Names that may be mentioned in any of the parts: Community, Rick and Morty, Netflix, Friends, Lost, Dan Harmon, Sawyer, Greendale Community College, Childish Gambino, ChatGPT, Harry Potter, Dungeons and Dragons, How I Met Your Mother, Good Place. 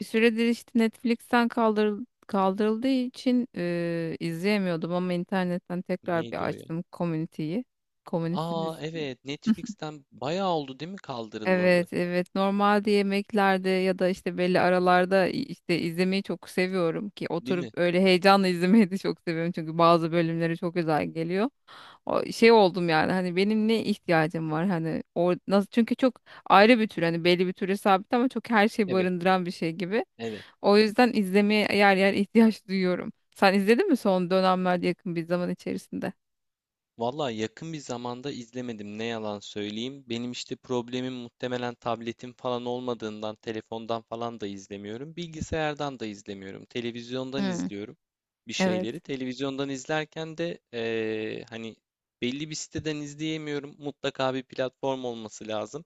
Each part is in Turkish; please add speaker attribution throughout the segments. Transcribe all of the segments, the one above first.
Speaker 1: Bir süredir işte Netflix'ten kaldırıldığı için izleyemiyordum ama internetten tekrar
Speaker 2: Neydi
Speaker 1: bir
Speaker 2: o ya?
Speaker 1: açtım Community'yi. Community
Speaker 2: Aa
Speaker 1: dizisini.
Speaker 2: evet, Netflix'ten bayağı oldu değil mi kaldırılalı?
Speaker 1: Evet, evet. Normalde yemeklerde ya da işte belli aralarda işte izlemeyi çok seviyorum ki
Speaker 2: Değil
Speaker 1: oturup
Speaker 2: mi?
Speaker 1: öyle heyecanla izlemeyi de çok seviyorum çünkü bazı bölümleri çok güzel geliyor. O şey oldum yani hani benim ne ihtiyacım var, hani o nasıl, çünkü çok ayrı bir tür, hani belli bir türe sabit ama çok her şeyi
Speaker 2: Evet,
Speaker 1: barındıran bir şey gibi.
Speaker 2: evet.
Speaker 1: O yüzden izlemeye yer yer ihtiyaç duyuyorum. Sen izledin mi son dönemlerde, yakın bir zaman içerisinde?
Speaker 2: Vallahi yakın bir zamanda izlemedim, ne yalan söyleyeyim. Benim işte problemim muhtemelen tabletim falan olmadığından telefondan falan da izlemiyorum. Bilgisayardan da izlemiyorum. Televizyondan
Speaker 1: Hmm,
Speaker 2: izliyorum bir
Speaker 1: evet,
Speaker 2: şeyleri. Televizyondan izlerken de hani belli bir siteden izleyemiyorum. Mutlaka bir platform olması lazım.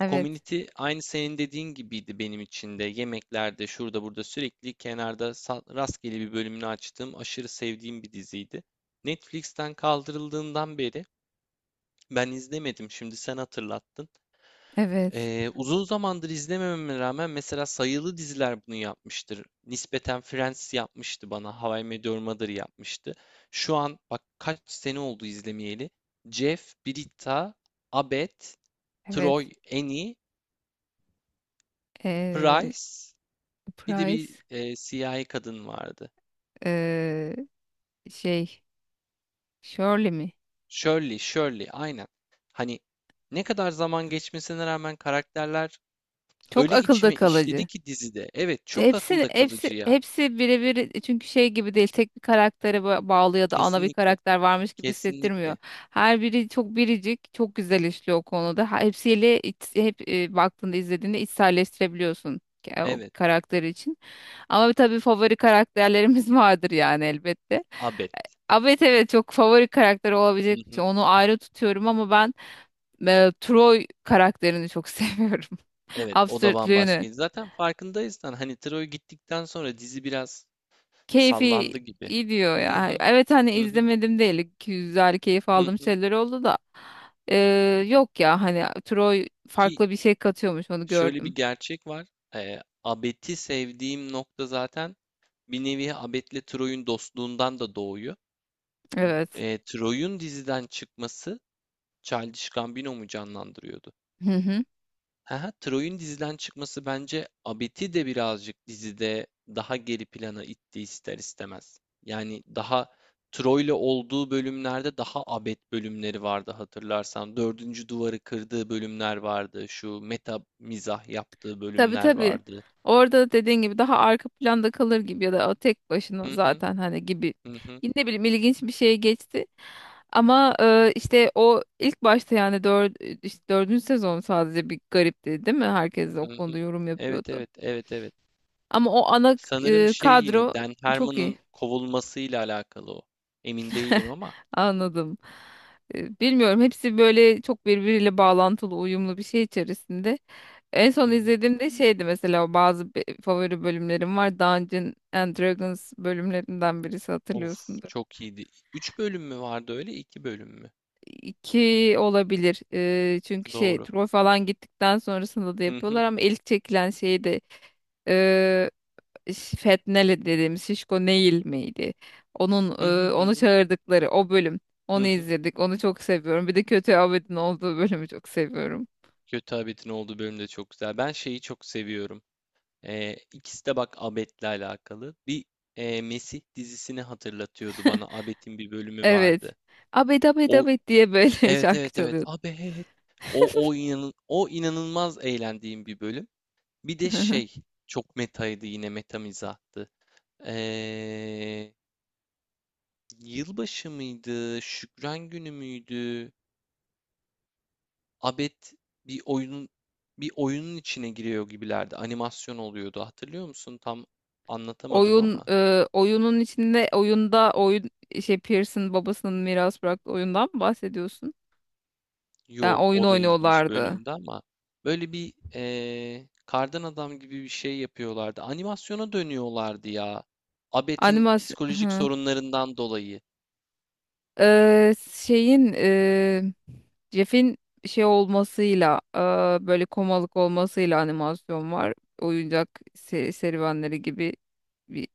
Speaker 1: evet,
Speaker 2: Community aynı senin dediğin gibiydi benim için de. Yemeklerde şurada burada sürekli kenarda rastgele bir bölümünü açtığım aşırı sevdiğim bir diziydi. Netflix'ten kaldırıldığından beri ben izlemedim. Şimdi sen hatırlattın.
Speaker 1: evet,
Speaker 2: Uzun zamandır izlemememe rağmen mesela sayılı diziler bunu yapmıştır. Nispeten Friends yapmıştı bana. How I Met Your Mother yapmıştı. Şu an bak kaç sene oldu izlemeyeli. Jeff, Britta, Abed, Troy,
Speaker 1: evet.
Speaker 2: Annie,
Speaker 1: Ee,
Speaker 2: Price. Bir de bir
Speaker 1: Price,
Speaker 2: siyahi kadın vardı.
Speaker 1: ee, şey, Shirley mi?
Speaker 2: Shirley, Shirley, aynen. Hani ne kadar zaman geçmesine rağmen karakterler
Speaker 1: Çok
Speaker 2: öyle
Speaker 1: akılda
Speaker 2: içime işledi
Speaker 1: kalıcı.
Speaker 2: ki dizide. Evet, çok
Speaker 1: Hepsi
Speaker 2: akılda
Speaker 1: hepsi
Speaker 2: kalıcı ya.
Speaker 1: hepsi birebir, çünkü şey gibi değil, tek bir karaktere bağlı ya da ana bir
Speaker 2: Kesinlikle,
Speaker 1: karakter varmış gibi hissettirmiyor.
Speaker 2: kesinlikle.
Speaker 1: Her biri çok biricik, çok güzel işliyor o konuda. Hepsiyle baktığında, izlediğinde içselleştirebiliyorsun o
Speaker 2: Evet,
Speaker 1: karakter için. Ama tabii favori karakterlerimiz vardır yani, elbette.
Speaker 2: Abed.
Speaker 1: Ama evet, evet, çok favori karakter
Speaker 2: Hı
Speaker 1: olabilecek bir
Speaker 2: hı.
Speaker 1: şey. Onu ayrı tutuyorum, ama ben Troy karakterini çok seviyorum.
Speaker 2: Evet, o da
Speaker 1: Absürtlüğünü.
Speaker 2: bambaşkaydı. Zaten farkındaysan hani Troy gittikten sonra dizi biraz
Speaker 1: Keyfi
Speaker 2: sallandı gibi.
Speaker 1: gidiyor
Speaker 2: Hı
Speaker 1: ya.
Speaker 2: hı,
Speaker 1: Evet, hani
Speaker 2: hı hı,
Speaker 1: izlemedim değil. Güzel keyif
Speaker 2: hı
Speaker 1: aldığım
Speaker 2: hı.
Speaker 1: şeyler oldu da. Yok ya, hani Troy
Speaker 2: Ki
Speaker 1: farklı bir şey katıyormuş, onu
Speaker 2: şöyle
Speaker 1: gördüm.
Speaker 2: bir gerçek var. Abed'i sevdiğim nokta zaten bir nevi Abed'le Troy'un dostluğundan da doğuyor.
Speaker 1: Evet.
Speaker 2: Troy'un diziden çıkması, Childish Gambino mu canlandırıyordu?
Speaker 1: Hı hı.
Speaker 2: Haha, Troy'un diziden çıkması bence Abed'i de birazcık dizide daha geri plana itti ister istemez. Yani daha Troy'le olduğu bölümlerde daha Abed bölümleri vardı hatırlarsan. Dördüncü duvarı kırdığı bölümler vardı. Şu meta mizah yaptığı
Speaker 1: Tabii
Speaker 2: bölümler
Speaker 1: tabii.
Speaker 2: vardı.
Speaker 1: Orada dediğin gibi daha arka planda kalır gibi, ya da o tek başına
Speaker 2: Hı hı,
Speaker 1: zaten hani gibi.
Speaker 2: hı hı,
Speaker 1: Ne bileyim, ilginç bir şeye geçti. Ama işte o ilk başta, yani işte dördüncü sezon sadece bir garipti değil mi? Herkes de
Speaker 2: hı
Speaker 1: o
Speaker 2: hı.
Speaker 1: konuda yorum
Speaker 2: Evet
Speaker 1: yapıyordu.
Speaker 2: evet, evet evet.
Speaker 1: Ama o ana
Speaker 2: Sanırım şey, yine
Speaker 1: kadro
Speaker 2: Dan
Speaker 1: çok iyi.
Speaker 2: Harmon'ın kovulmasıyla alakalı o. Emin değilim ama.
Speaker 1: Anladım. Bilmiyorum, hepsi böyle çok birbiriyle bağlantılı, uyumlu bir şey içerisinde. En son
Speaker 2: Hı hı.
Speaker 1: izlediğimde şeydi mesela, o bazı favori bölümlerim var. Dungeons and Dragons bölümlerinden birisi,
Speaker 2: Of,
Speaker 1: hatırlıyorsundur.
Speaker 2: çok iyiydi. 3 bölüm mü vardı öyle, 2 bölüm mü?
Speaker 1: İki olabilir. Çünkü şey,
Speaker 2: Doğru.
Speaker 1: Troy falan gittikten sonrasında da
Speaker 2: Hı hı.
Speaker 1: yapıyorlar ama ilk çekilen şeydi. Fetnele dediğimiz Şişko Neil miydi? Onun
Speaker 2: Hı hı hı
Speaker 1: onu
Speaker 2: hı.
Speaker 1: çağırdıkları o bölüm.
Speaker 2: Hı
Speaker 1: Onu
Speaker 2: hı.
Speaker 1: izledik. Onu çok seviyorum. Bir de kötü Abed'in olduğu bölümü çok seviyorum.
Speaker 2: Kötü Abet'in olduğu bölüm de çok güzel. Ben şeyi çok seviyorum. İkisi de bak Abet'le alakalı. Bir Mesih dizisini hatırlatıyordu bana. Abet'in bir bölümü
Speaker 1: Evet.
Speaker 2: vardı.
Speaker 1: Abed Abed
Speaker 2: O,
Speaker 1: Abed diye böyle
Speaker 2: evet
Speaker 1: şarkı
Speaker 2: evet evet.
Speaker 1: çalıyordu.
Speaker 2: Abet. O inan o inanılmaz eğlendiğim bir bölüm. Bir de şey, çok metaydı, yine meta mizahtı. Ee, Yılbaşı mıydı? Şükran günü müydü? Abed bir oyunun bir oyunun içine giriyor gibilerdi. Animasyon oluyordu. Hatırlıyor musun? Tam anlatamadım
Speaker 1: Oyun,
Speaker 2: ama.
Speaker 1: oyunun içinde oyunda oyun, şey, Pearson babasının miras bıraktığı oyundan mı bahsediyorsun? Yani
Speaker 2: Yok,
Speaker 1: oyun
Speaker 2: o da ilginç
Speaker 1: oynuyorlardı.
Speaker 2: bölümde ama böyle bir kardan adam gibi bir şey yapıyorlardı. Animasyona dönüyorlardı ya. Abed'in
Speaker 1: Animasyon.
Speaker 2: psikolojik
Speaker 1: Hı.
Speaker 2: sorunlarından dolayı.
Speaker 1: Şeyin, Jeff'in şey olmasıyla, böyle komalık olmasıyla animasyon var. Oyuncak serüvenleri gibi bir,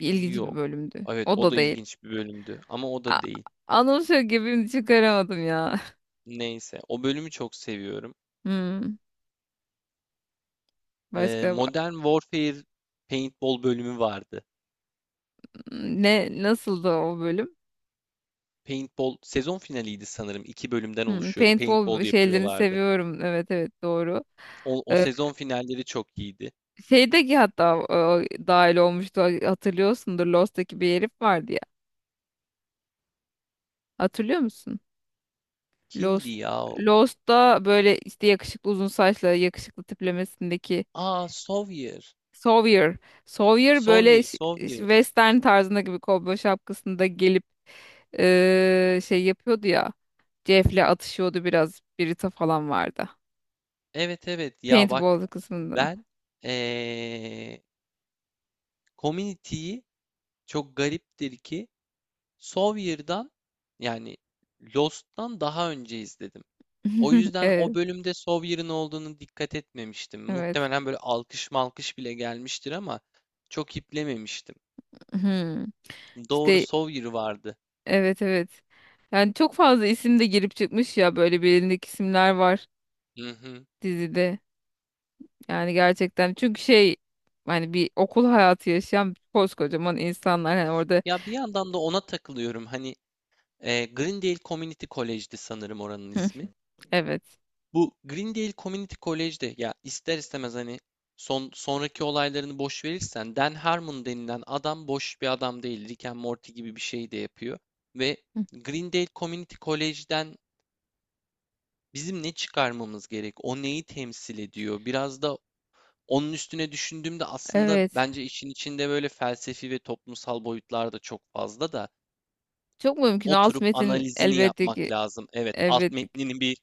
Speaker 1: bir ilginç bir
Speaker 2: Yok.
Speaker 1: bölümdü.
Speaker 2: Evet,
Speaker 1: O
Speaker 2: o
Speaker 1: da
Speaker 2: da
Speaker 1: değil.
Speaker 2: ilginç bir bölümdü ama o
Speaker 1: A,
Speaker 2: da değil.
Speaker 1: anımsıyor gibi çıkaramadım ya.
Speaker 2: Neyse, o bölümü çok seviyorum.
Speaker 1: Hmm, başka
Speaker 2: Modern Warfare Paintball bölümü vardı.
Speaker 1: ne, nasıldı o bölüm?
Speaker 2: Paintball sezon finaliydi sanırım. İki bölümden
Speaker 1: Hmm,
Speaker 2: oluşuyordu.
Speaker 1: paintball
Speaker 2: Paintball
Speaker 1: şeylerini
Speaker 2: yapıyorlardı.
Speaker 1: seviyorum. Evet evet, doğru.
Speaker 2: O, o
Speaker 1: Ee,
Speaker 2: sezon finalleri çok iyiydi.
Speaker 1: Şeydeki hatta dahil olmuştu, hatırlıyorsundur, Lost'taki bir herif vardı ya. Hatırlıyor musun?
Speaker 2: Kimdi
Speaker 1: Lost,
Speaker 2: ya o?
Speaker 1: Lost'ta böyle işte yakışıklı, uzun saçlı, yakışıklı tiplemesindeki
Speaker 2: Aa, Sawyer.
Speaker 1: Sawyer. Sawyer böyle
Speaker 2: Sawyer, Sawyer.
Speaker 1: western tarzında gibi, kovboy şapkasında gelip şey yapıyordu ya. Jeff'le atışıyordu biraz. Birita falan vardı.
Speaker 2: Evet evet ya, bak
Speaker 1: Paintball kısmında.
Speaker 2: ben ee, Community'yi, çok gariptir ki, Sawyer'dan yani Lost'tan daha önce izledim. O yüzden o
Speaker 1: Evet.
Speaker 2: bölümde Sawyer'ın olduğunu dikkat etmemiştim.
Speaker 1: Evet.
Speaker 2: Muhtemelen böyle alkış malkış bile gelmiştir ama çok iplememiştim.
Speaker 1: Hmm.
Speaker 2: Doğru,
Speaker 1: İşte,
Speaker 2: Sawyer vardı.
Speaker 1: evet evet. Yani çok fazla isim de girip çıkmış ya, böyle bilindik isimler var
Speaker 2: Hı hı.
Speaker 1: dizide. Yani gerçekten, çünkü şey, hani bir okul hayatı yaşayan koskocaman insanlar hani orada.
Speaker 2: Ya bir yandan da ona takılıyorum. Hani Greendale Community College'di sanırım oranın
Speaker 1: Hı,
Speaker 2: ismi.
Speaker 1: evet.
Speaker 2: Bu Greendale Community College'de ya, ister istemez hani sonraki olaylarını boş verirsen, Dan Harmon denilen adam boş bir adam değil. Rick and Morty gibi bir şey de yapıyor. Ve
Speaker 1: Hı,
Speaker 2: Greendale Community College'den bizim ne çıkarmamız gerek? O neyi temsil ediyor? Biraz da onun üstüne düşündüğümde aslında
Speaker 1: evet.
Speaker 2: bence işin içinde böyle felsefi ve toplumsal boyutlar da çok fazla, da
Speaker 1: Çok mümkün. Alt
Speaker 2: oturup
Speaker 1: metin
Speaker 2: analizini
Speaker 1: elbette
Speaker 2: yapmak
Speaker 1: ki,
Speaker 2: lazım. Evet, alt
Speaker 1: elbette ki.
Speaker 2: metnini bir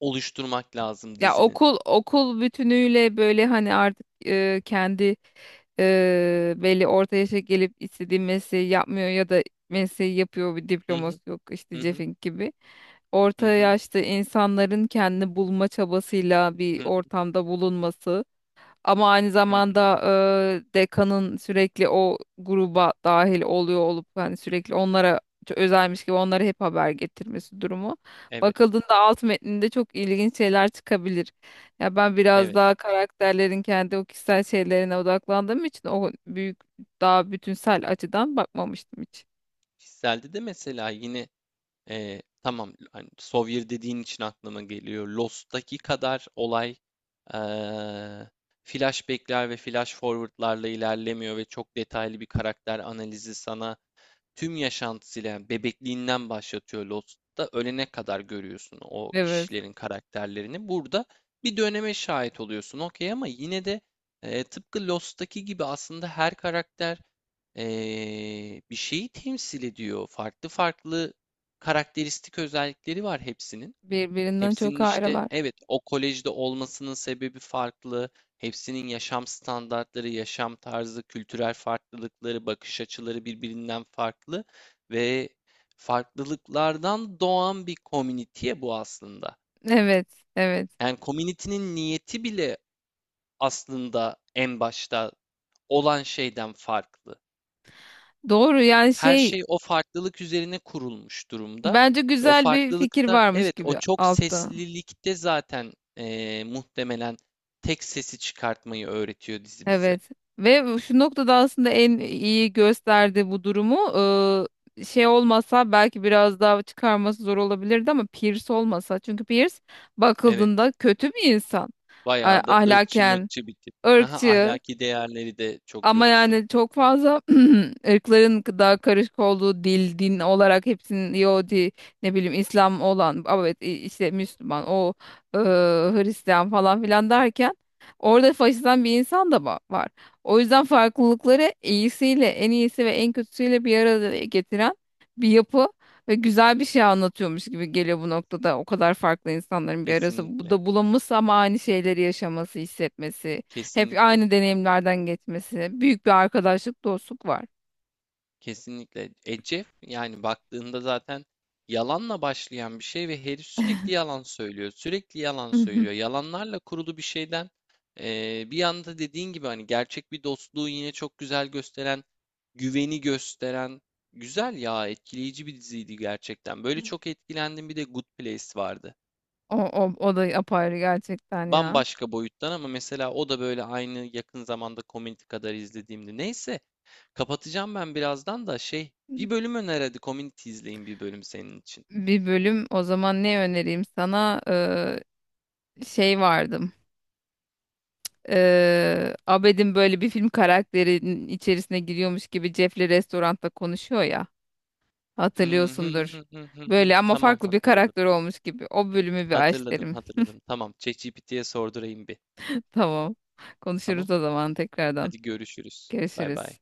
Speaker 2: oluşturmak lazım
Speaker 1: Ya
Speaker 2: dizinin.
Speaker 1: okul, okul bütünüyle böyle hani artık kendi, belli orta yaşa gelip istediği mesleği yapmıyor ya da mesleği yapıyor, bir
Speaker 2: Hı hı,
Speaker 1: diploması yok işte,
Speaker 2: hı hı,
Speaker 1: Cefink gibi. Orta
Speaker 2: hı hı.
Speaker 1: yaşta insanların kendini bulma çabasıyla bir
Speaker 2: Hı hı,
Speaker 1: ortamda bulunması. Ama aynı
Speaker 2: hı hı.
Speaker 1: zamanda dekanın sürekli o gruba dahil oluyor olup hani sürekli onlara özelmiş gibi onlara hep haber getirmesi durumu.
Speaker 2: Evet,
Speaker 1: Bakıldığında alt metninde çok ilginç şeyler çıkabilir. Ya ben biraz
Speaker 2: evet.
Speaker 1: daha karakterlerin kendi o kişisel şeylerine odaklandığım için o büyük, daha bütünsel açıdan bakmamıştım hiç.
Speaker 2: Kişiselde de mesela yine tamam hani Sawyer dediğin için aklıma geliyor. Lost'taki kadar olay e, flashback'ler ve flash forward'larla ilerlemiyor ve çok detaylı bir karakter analizi sana tüm yaşantısıyla, yani bebekliğinden başlatıyor Lost'ta, ölene kadar görüyorsun o
Speaker 1: Evet.
Speaker 2: kişilerin karakterlerini. Burada bir döneme şahit oluyorsun okey, ama yine de tıpkı Lost'taki gibi aslında her karakter bir şeyi temsil ediyor. Farklı farklı karakteristik özellikleri var hepsinin.
Speaker 1: Birbirinden çok
Speaker 2: Hepsinin işte,
Speaker 1: ayrılar.
Speaker 2: evet, o kolejde olmasının sebebi farklı. Hepsinin yaşam standartları, yaşam tarzı, kültürel farklılıkları, bakış açıları birbirinden farklı ve farklılıklardan doğan bir komüniteye bu aslında.
Speaker 1: Evet, evet.
Speaker 2: Yani komünitenin niyeti bile aslında en başta olan şeyden farklı.
Speaker 1: Doğru, yani
Speaker 2: Her
Speaker 1: şey,
Speaker 2: şey o farklılık üzerine kurulmuş durumda.
Speaker 1: bence
Speaker 2: Ve o
Speaker 1: güzel bir fikir
Speaker 2: farklılıkta,
Speaker 1: varmış
Speaker 2: evet, o
Speaker 1: gibi
Speaker 2: çok
Speaker 1: altta.
Speaker 2: seslilikte zaten muhtemelen tek sesi çıkartmayı öğretiyor dizi bize.
Speaker 1: Evet, ve şu noktada aslında en iyi gösterdi bu durumu. Şey olmasa belki biraz daha çıkarması zor olabilirdi, ama Pierce olmasa, çünkü Pierce
Speaker 2: Evet.
Speaker 1: bakıldığında kötü bir insan.
Speaker 2: Bayağı da ırkçı
Speaker 1: Ahlaken,
Speaker 2: mırkçı bir tip. Haha,
Speaker 1: ırkçı,
Speaker 2: ahlaki değerleri de çok
Speaker 1: ama
Speaker 2: yoksun.
Speaker 1: yani çok fazla ırkların daha karışık olduğu, dil, din olarak hepsinin, Yahudi, ne bileyim İslam olan, ama evet, işte Müslüman, o Hristiyan falan filan derken orada faşistan bir insan da var. O yüzden farklılıkları iyisiyle, en iyisi ve en kötüsüyle bir arada getiren bir yapı ve güzel bir şey anlatıyormuş gibi geliyor bu noktada. O kadar farklı insanların bir arası bu
Speaker 2: Kesinlikle.
Speaker 1: da bulunması, ama aynı şeyleri yaşaması, hissetmesi. Hep
Speaker 2: Kesinlikle. Kesinlikle.
Speaker 1: aynı deneyimlerden geçmesi. Büyük bir arkadaşlık, dostluk var.
Speaker 2: Kesinlikle. Jeff yani baktığında zaten yalanla başlayan bir şey ve herif sürekli yalan söylüyor. Sürekli yalan
Speaker 1: Hı hı.
Speaker 2: söylüyor. Yalanlarla kurulu bir şeyden bir yanda dediğin gibi hani gerçek bir dostluğu yine çok güzel gösteren, güveni gösteren, güzel ya, etkileyici bir diziydi gerçekten. Böyle çok etkilendim. Bir de Good Place vardı.
Speaker 1: O, o, o da apayrı gerçekten ya.
Speaker 2: Bambaşka boyuttan ama mesela o da böyle aynı yakın zamanda Community kadar izlediğimdi. Neyse, kapatacağım ben birazdan da şey, bir bölüm öner hadi, Community izleyin bir bölüm senin için.
Speaker 1: Bir bölüm o zaman ne önereyim sana? Şey vardım. Abed'in böyle bir film karakterinin içerisine giriyormuş gibi Jeff'le restoranda konuşuyor ya.
Speaker 2: Hı hı
Speaker 1: Hatırlıyorsundur.
Speaker 2: hı hı hı hı.
Speaker 1: Böyle ama
Speaker 2: Tamam,
Speaker 1: farklı bir
Speaker 2: hatırladım.
Speaker 1: karakter olmuş gibi. O bölümü bir aç
Speaker 2: Hatırladım,
Speaker 1: derim.
Speaker 2: hatırladım. Tamam, ChatGPT'ye sordurayım bir.
Speaker 1: Tamam.
Speaker 2: Tamam.
Speaker 1: Konuşuruz o zaman tekrardan.
Speaker 2: Hadi görüşürüz. Bay bay.
Speaker 1: Görüşürüz.